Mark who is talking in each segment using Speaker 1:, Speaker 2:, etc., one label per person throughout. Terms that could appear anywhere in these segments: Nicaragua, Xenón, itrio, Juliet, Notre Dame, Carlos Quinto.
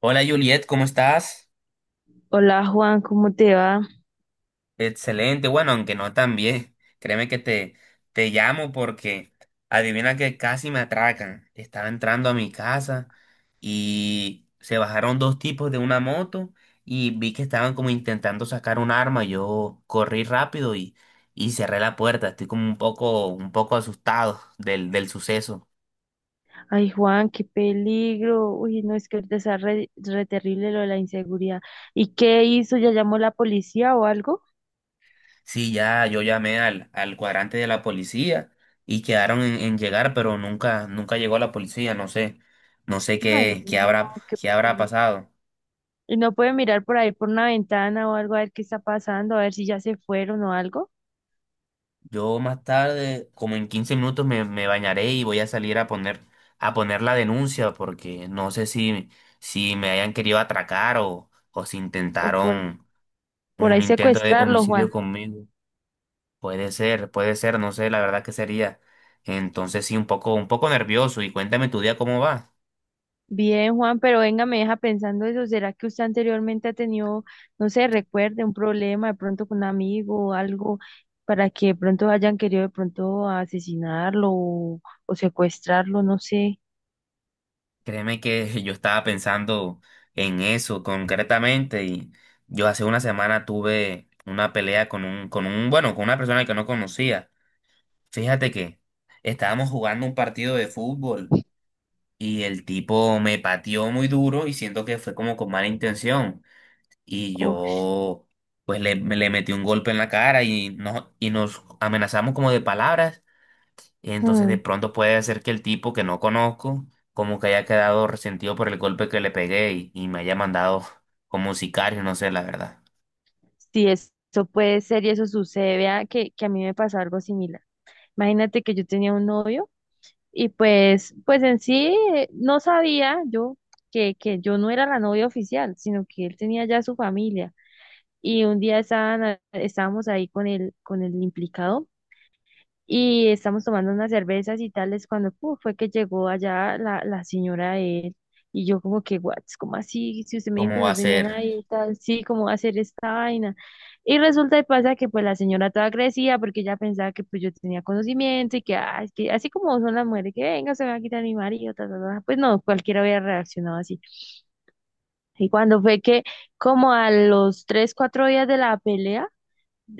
Speaker 1: Hola Juliet, ¿cómo estás?
Speaker 2: Hola Juan, ¿cómo te va?
Speaker 1: Excelente, bueno, aunque no tan bien. Créeme que te llamo porque adivina que casi me atracan. Estaba entrando a mi casa y se bajaron dos tipos de una moto y vi que estaban como intentando sacar un arma. Yo corrí rápido y cerré la puerta. Estoy como un poco asustado del suceso.
Speaker 2: Ay Juan, qué peligro. Uy, no, es que ahorita está re terrible lo de la inseguridad. ¿Y qué hizo? ¿Ya llamó la policía o algo?
Speaker 1: Sí, ya, yo llamé al cuadrante de la policía y quedaron en llegar, pero nunca llegó la policía, no sé
Speaker 2: Ay,
Speaker 1: qué, qué
Speaker 2: no,
Speaker 1: habrá,
Speaker 2: qué
Speaker 1: qué habrá
Speaker 2: peligro.
Speaker 1: pasado.
Speaker 2: ¿Y no puede mirar por ahí por una ventana o algo a ver qué está pasando, a ver si ya se fueron o algo?
Speaker 1: Yo más tarde, como en 15 minutos, me bañaré y voy a salir a poner la denuncia, porque no sé si me hayan querido atracar o si
Speaker 2: O por,
Speaker 1: intentaron
Speaker 2: por
Speaker 1: un
Speaker 2: ahí
Speaker 1: intento de
Speaker 2: secuestrarlo,
Speaker 1: homicidio
Speaker 2: Juan.
Speaker 1: conmigo. Puede ser, no sé, la verdad que sería. Entonces sí, un poco nervioso. Y cuéntame tu día cómo va.
Speaker 2: Bien, Juan, pero venga, me deja pensando eso. ¿Será que usted anteriormente ha tenido, no sé, recuerde un problema de pronto con un amigo o algo para que de pronto hayan querido de pronto asesinarlo o secuestrarlo? No sé.
Speaker 1: Créeme que yo estaba pensando en eso concretamente y yo hace una semana tuve una pelea bueno, con una persona que no conocía. Fíjate que estábamos jugando un partido de fútbol y el tipo me pateó muy duro y siento que fue como con mala intención y
Speaker 2: Uf.
Speaker 1: yo pues le metí un golpe en la cara y, no, y nos amenazamos como de palabras. Entonces de
Speaker 2: Mm.
Speaker 1: pronto puede ser que el tipo que no conozco como que haya quedado resentido por el golpe que le pegué y me haya mandado como un sicario, no sé la verdad.
Speaker 2: Sí, eso puede ser y eso sucede. Vea que a mí me pasó algo similar. Imagínate que yo tenía un novio y pues en sí no sabía yo que yo no era la novia oficial, sino que él tenía ya su familia. Y un día estábamos ahí con con el implicado y estamos tomando unas cervezas y tales cuando pu, fue que llegó allá la señora de él y yo como que, what, ¿cómo así? Si usted me dijo
Speaker 1: ¿Cómo
Speaker 2: que
Speaker 1: va a
Speaker 2: no tenía
Speaker 1: ser?
Speaker 2: nadie y tal, sí, ¿cómo va a hacer esta vaina? Y resulta y pasa que pues la señora toda crecía porque ella pensaba que pues yo tenía conocimiento y que, ah, es que así como son las mujeres, que venga, se me va a quitar mi marido, ta, ta, ta. Pues no, cualquiera hubiera reaccionado así. Y cuando fue que como a los tres, cuatro días de la pelea,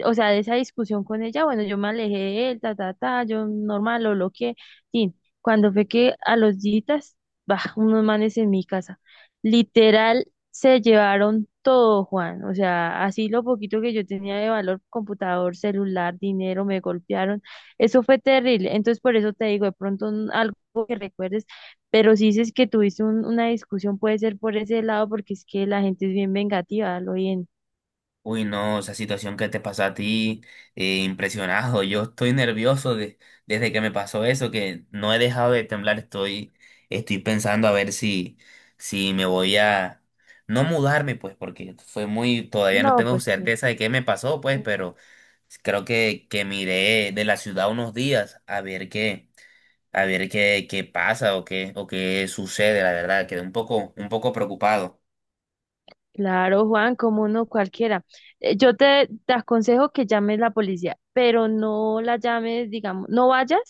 Speaker 2: o sea, de esa discusión con ella, bueno, yo me alejé de él, ta, ta, ta, yo normal lo bloqueé. Tin, cuando fue que a los días, bah, unos manes en mi casa, literal, se llevaron todo, Juan, o sea, así lo poquito que yo tenía de valor, computador, celular, dinero, me golpearon, eso fue terrible, entonces por eso te digo, de pronto algo que recuerdes, pero si dices que tuviste una discusión, puede ser por ese lado, porque es que la gente es bien vengativa, lo bien,
Speaker 1: Uy, no, esa situación que te pasó a ti, impresionado. Yo estoy nervioso desde que me pasó eso, que no he dejado de temblar. Estoy pensando a ver si me voy no mudarme, pues, porque fue muy, todavía no
Speaker 2: no,
Speaker 1: tengo
Speaker 2: pues sí.
Speaker 1: certeza de qué me pasó, pues, pero creo que miré de la ciudad unos días a ver qué, a ver qué pasa o o qué sucede, la verdad. Quedé un poco preocupado.
Speaker 2: Claro, Juan, como no cualquiera. Yo te aconsejo que llames la policía, pero no la llames, digamos, no vayas,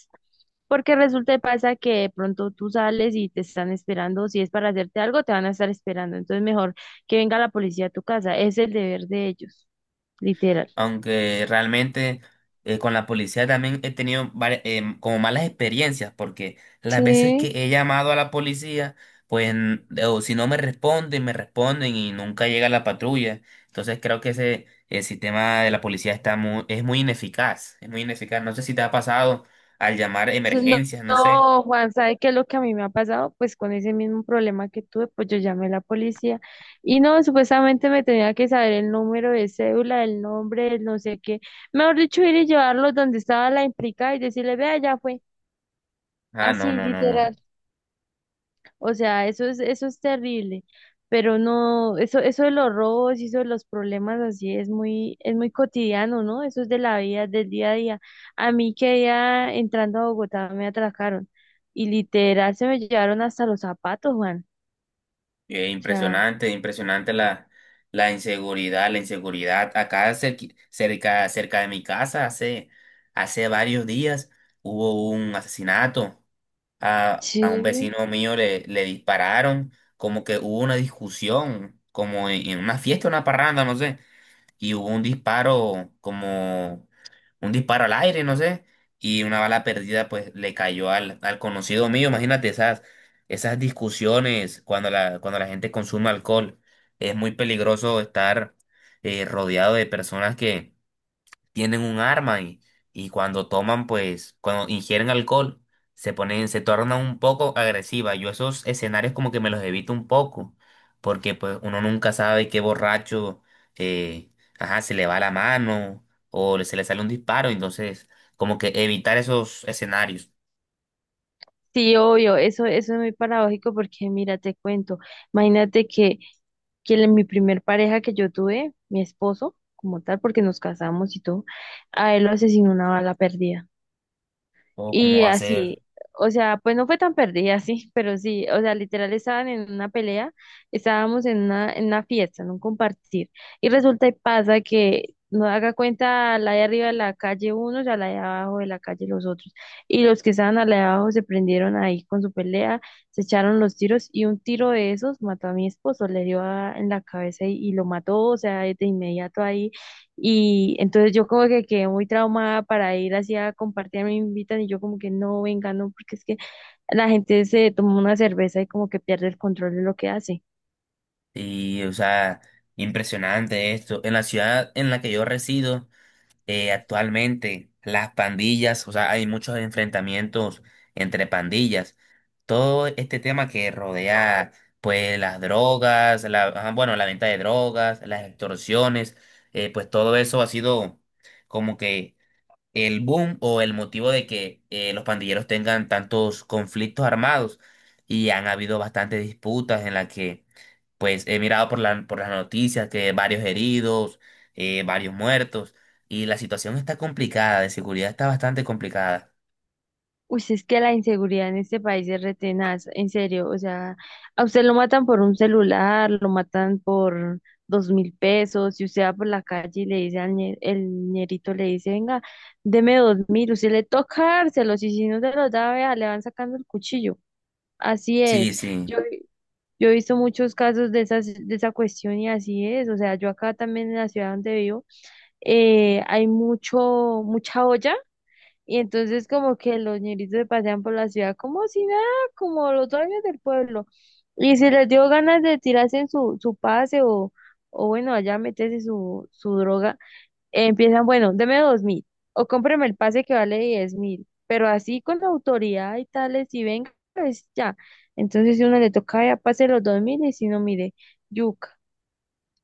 Speaker 2: porque resulta y pasa que de pronto tú sales y te están esperando. Si es para hacerte algo, te van a estar esperando. Entonces, mejor que venga la policía a tu casa. Es el deber de ellos, literal.
Speaker 1: Aunque realmente con la policía también he tenido como malas experiencias, porque las veces
Speaker 2: Sí.
Speaker 1: que he llamado a la policía, pues o si no me responden, me responden y nunca llega la patrulla. Entonces creo que ese el sistema de la policía es muy ineficaz, No sé si te ha pasado al llamar
Speaker 2: No,
Speaker 1: emergencias, no sé.
Speaker 2: no, Juan, ¿sabe qué es lo que a mí me ha pasado? Pues con ese mismo problema que tuve, pues yo llamé a la policía y no, supuestamente me tenía que saber el número de cédula, el nombre, el no sé qué. Mejor dicho, ir y llevarlo donde estaba la implicada y decirle, vea, ya fue.
Speaker 1: Ah, no,
Speaker 2: Así,
Speaker 1: no, no, no.
Speaker 2: literal. O sea, eso es terrible. Pero no, eso de los robos y eso de los problemas así es muy cotidiano, ¿no? Eso es de la vida, del día a día. A mí que ya entrando a Bogotá me atracaron y literal se me llevaron hasta los zapatos, Juan. O sea,
Speaker 1: Impresionante, impresionante la inseguridad, la inseguridad. Acá cerca, cerca de mi casa, hace varios días hubo un asesinato. A un
Speaker 2: sí.
Speaker 1: vecino mío le dispararon, como que hubo una discusión, como en una fiesta, una parranda, no sé, y hubo un disparo como un disparo al aire, no sé, y una bala perdida pues le cayó al conocido mío. Imagínate esas, esas discusiones cuando la gente consume alcohol. Es muy peligroso estar rodeado de personas que tienen un arma y cuando toman, pues, cuando ingieren alcohol, se tornan un poco agresivas. Yo esos escenarios como que me los evito un poco, porque pues uno nunca sabe qué borracho, eh, ajá, se le va la mano o se le sale un disparo, entonces como que evitar esos escenarios
Speaker 2: Sí, obvio, eso es muy paradójico porque mira, te cuento, imagínate que mi primer pareja que yo tuve, mi esposo, como tal, porque nos casamos y todo, a él lo asesinó una bala perdida.
Speaker 1: o cómo
Speaker 2: Y
Speaker 1: va a ser.
Speaker 2: así, o sea, pues no fue tan perdida, sí, pero sí, o sea, literal estaban en una pelea, estábamos en una fiesta, en un compartir. Y resulta y pasa que no haga cuenta la de arriba de la calle unos, a la de abajo de la calle los otros. Y los que estaban a la de abajo se prendieron ahí con su pelea, se echaron los tiros y un tiro de esos mató a mi esposo, le dio en la cabeza y lo mató, o sea, de inmediato ahí y entonces yo como que quedé muy traumada para ir así a compartir, me invitan y yo como que no, venga, no, porque es que la gente se toma una cerveza y como que pierde el control de lo que hace.
Speaker 1: Y, o sea, impresionante esto. En la ciudad en la que yo resido, actualmente las pandillas, o sea, hay muchos enfrentamientos entre pandillas. Todo este tema que rodea, pues, las drogas, ajá, bueno, la venta de drogas, las extorsiones, pues todo eso ha sido como que el boom o el motivo de que los pandilleros tengan tantos conflictos armados y han habido bastantes disputas en las que pues he mirado por las noticias que varios heridos, varios muertos, y la situación está complicada, de seguridad está bastante complicada.
Speaker 2: Uy, sí, es que la inseguridad en este país es re tenaz, en serio, o sea, a usted lo matan por un celular, lo matan por 2.000 pesos, si usted va por la calle y le dice al el ñerito, le dice, venga, deme 2.000, usted le toca dárselos y si no se los da, vea, le van sacando el cuchillo. Así
Speaker 1: Sí,
Speaker 2: es.
Speaker 1: sí,
Speaker 2: Yo yo he visto muchos casos de esas, de esa cuestión y así es. O sea, yo acá también en la ciudad donde vivo, hay mucho, mucha olla y entonces como que los ñeritos se pasean por la ciudad como si nada, como los dueños del pueblo. Y si les dio ganas de tirarse en su pase o bueno, allá meterse su droga, empiezan, bueno, deme dos mil o cómpreme el pase que vale 10.000, pero así con la autoridad y tales, y venga, pues ya. Entonces, si uno le toca, ya pase los 2.000, y si no, mire, yuca,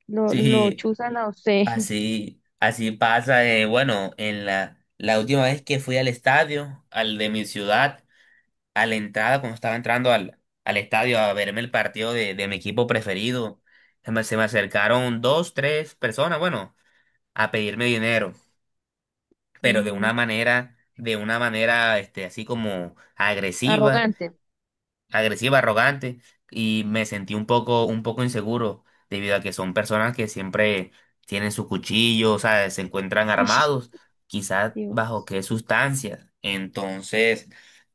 Speaker 2: lo
Speaker 1: sí,
Speaker 2: chuzan a usted.
Speaker 1: así, así pasa. Bueno, en la última vez que fui al estadio, al de mi ciudad, a la entrada, cuando estaba entrando al estadio a verme el partido de mi equipo preferido, se me acercaron dos, tres personas, bueno, a pedirme dinero, pero de una
Speaker 2: Ujú.
Speaker 1: manera, de una manera, este, así como agresiva,
Speaker 2: Arrogante.
Speaker 1: agresiva, arrogante, y me sentí un poco inseguro, debido a que son personas que siempre tienen su cuchillo, o sea, se encuentran
Speaker 2: Sí.
Speaker 1: armados, quizás bajo
Speaker 2: Dios.
Speaker 1: qué sustancias. Entonces,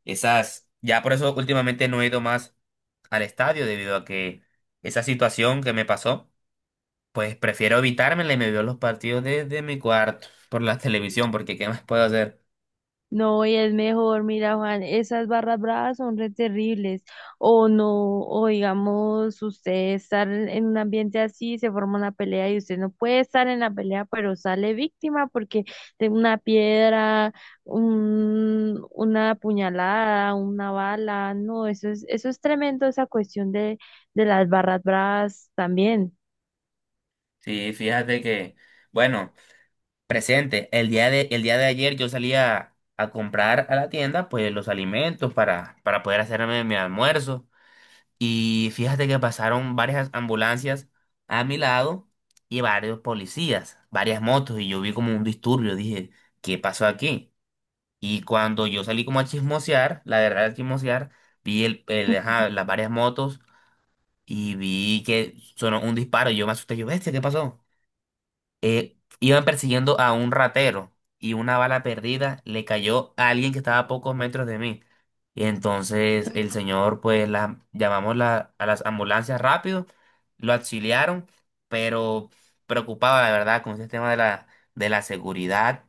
Speaker 1: ya por eso últimamente no he ido más al estadio, debido a que esa situación que me pasó, pues prefiero evitármela y me veo los partidos desde mi cuarto por la televisión, porque ¿qué más puedo hacer?
Speaker 2: No, y es mejor, mira, Juan, esas barras bravas son re terribles. O no, o digamos, usted estar en un ambiente así, se forma una pelea y usted no puede estar en la pelea, pero sale víctima porque de una piedra, un, una puñalada, una bala, no, eso es tremendo, esa cuestión de las barras bravas también.
Speaker 1: Sí, fíjate que, bueno, presente, el día de ayer yo salí a comprar a la tienda pues los alimentos para poder hacerme mi almuerzo y fíjate que pasaron varias ambulancias a mi lado y varios policías, varias motos y yo vi como un disturbio, dije, ¿qué pasó aquí? Y cuando yo salí como a chismosear, la verdad a chismosear, vi ajá, las varias motos y vi que sonó un disparo y yo me asusté, yo, bestia, ¿qué pasó? Iban persiguiendo a un ratero y una bala perdida le cayó a alguien que estaba a pocos metros de mí. Y entonces el señor, pues llamamos a las ambulancias rápido, lo auxiliaron, pero preocupado, la verdad, con ese tema de la seguridad.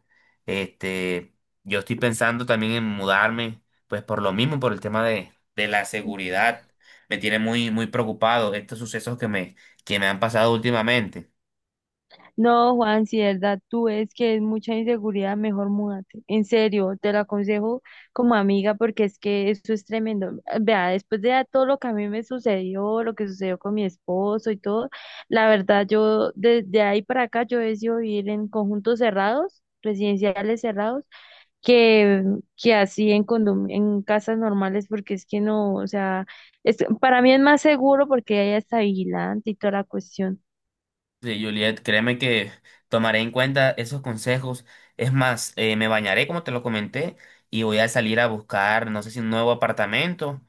Speaker 1: Este, yo estoy pensando también en mudarme, pues por lo mismo, por el tema de la seguridad. Me tiene muy, muy preocupado estos sucesos que me han pasado últimamente.
Speaker 2: No, Juan, si de verdad tú es que es mucha inseguridad, mejor múdate. En serio, te lo aconsejo como amiga porque es que eso es tremendo. Vea, después de todo lo que a mí me sucedió, lo que sucedió con mi esposo y todo, la verdad yo desde ahí para acá yo he decidido vivir en conjuntos cerrados, residenciales cerrados, que, que así en en casas normales porque es que no, o sea, es- para mí es más seguro porque hay hasta vigilante y toda la cuestión.
Speaker 1: Sí, Juliet, créeme que tomaré en cuenta esos consejos. Es más, me bañaré, como te lo comenté, y voy a salir a buscar, no sé si un nuevo apartamento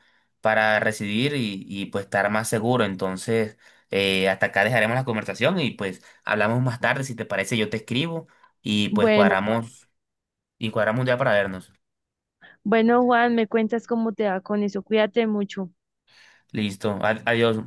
Speaker 1: para residir pues estar más seguro. Entonces, hasta acá dejaremos la conversación y pues hablamos más tarde. Si te parece, yo te escribo y pues
Speaker 2: Bueno.
Speaker 1: cuadramos un día para vernos.
Speaker 2: Bueno, Juan, me cuentas cómo te va con eso. Cuídate mucho.
Speaker 1: Listo, adiós.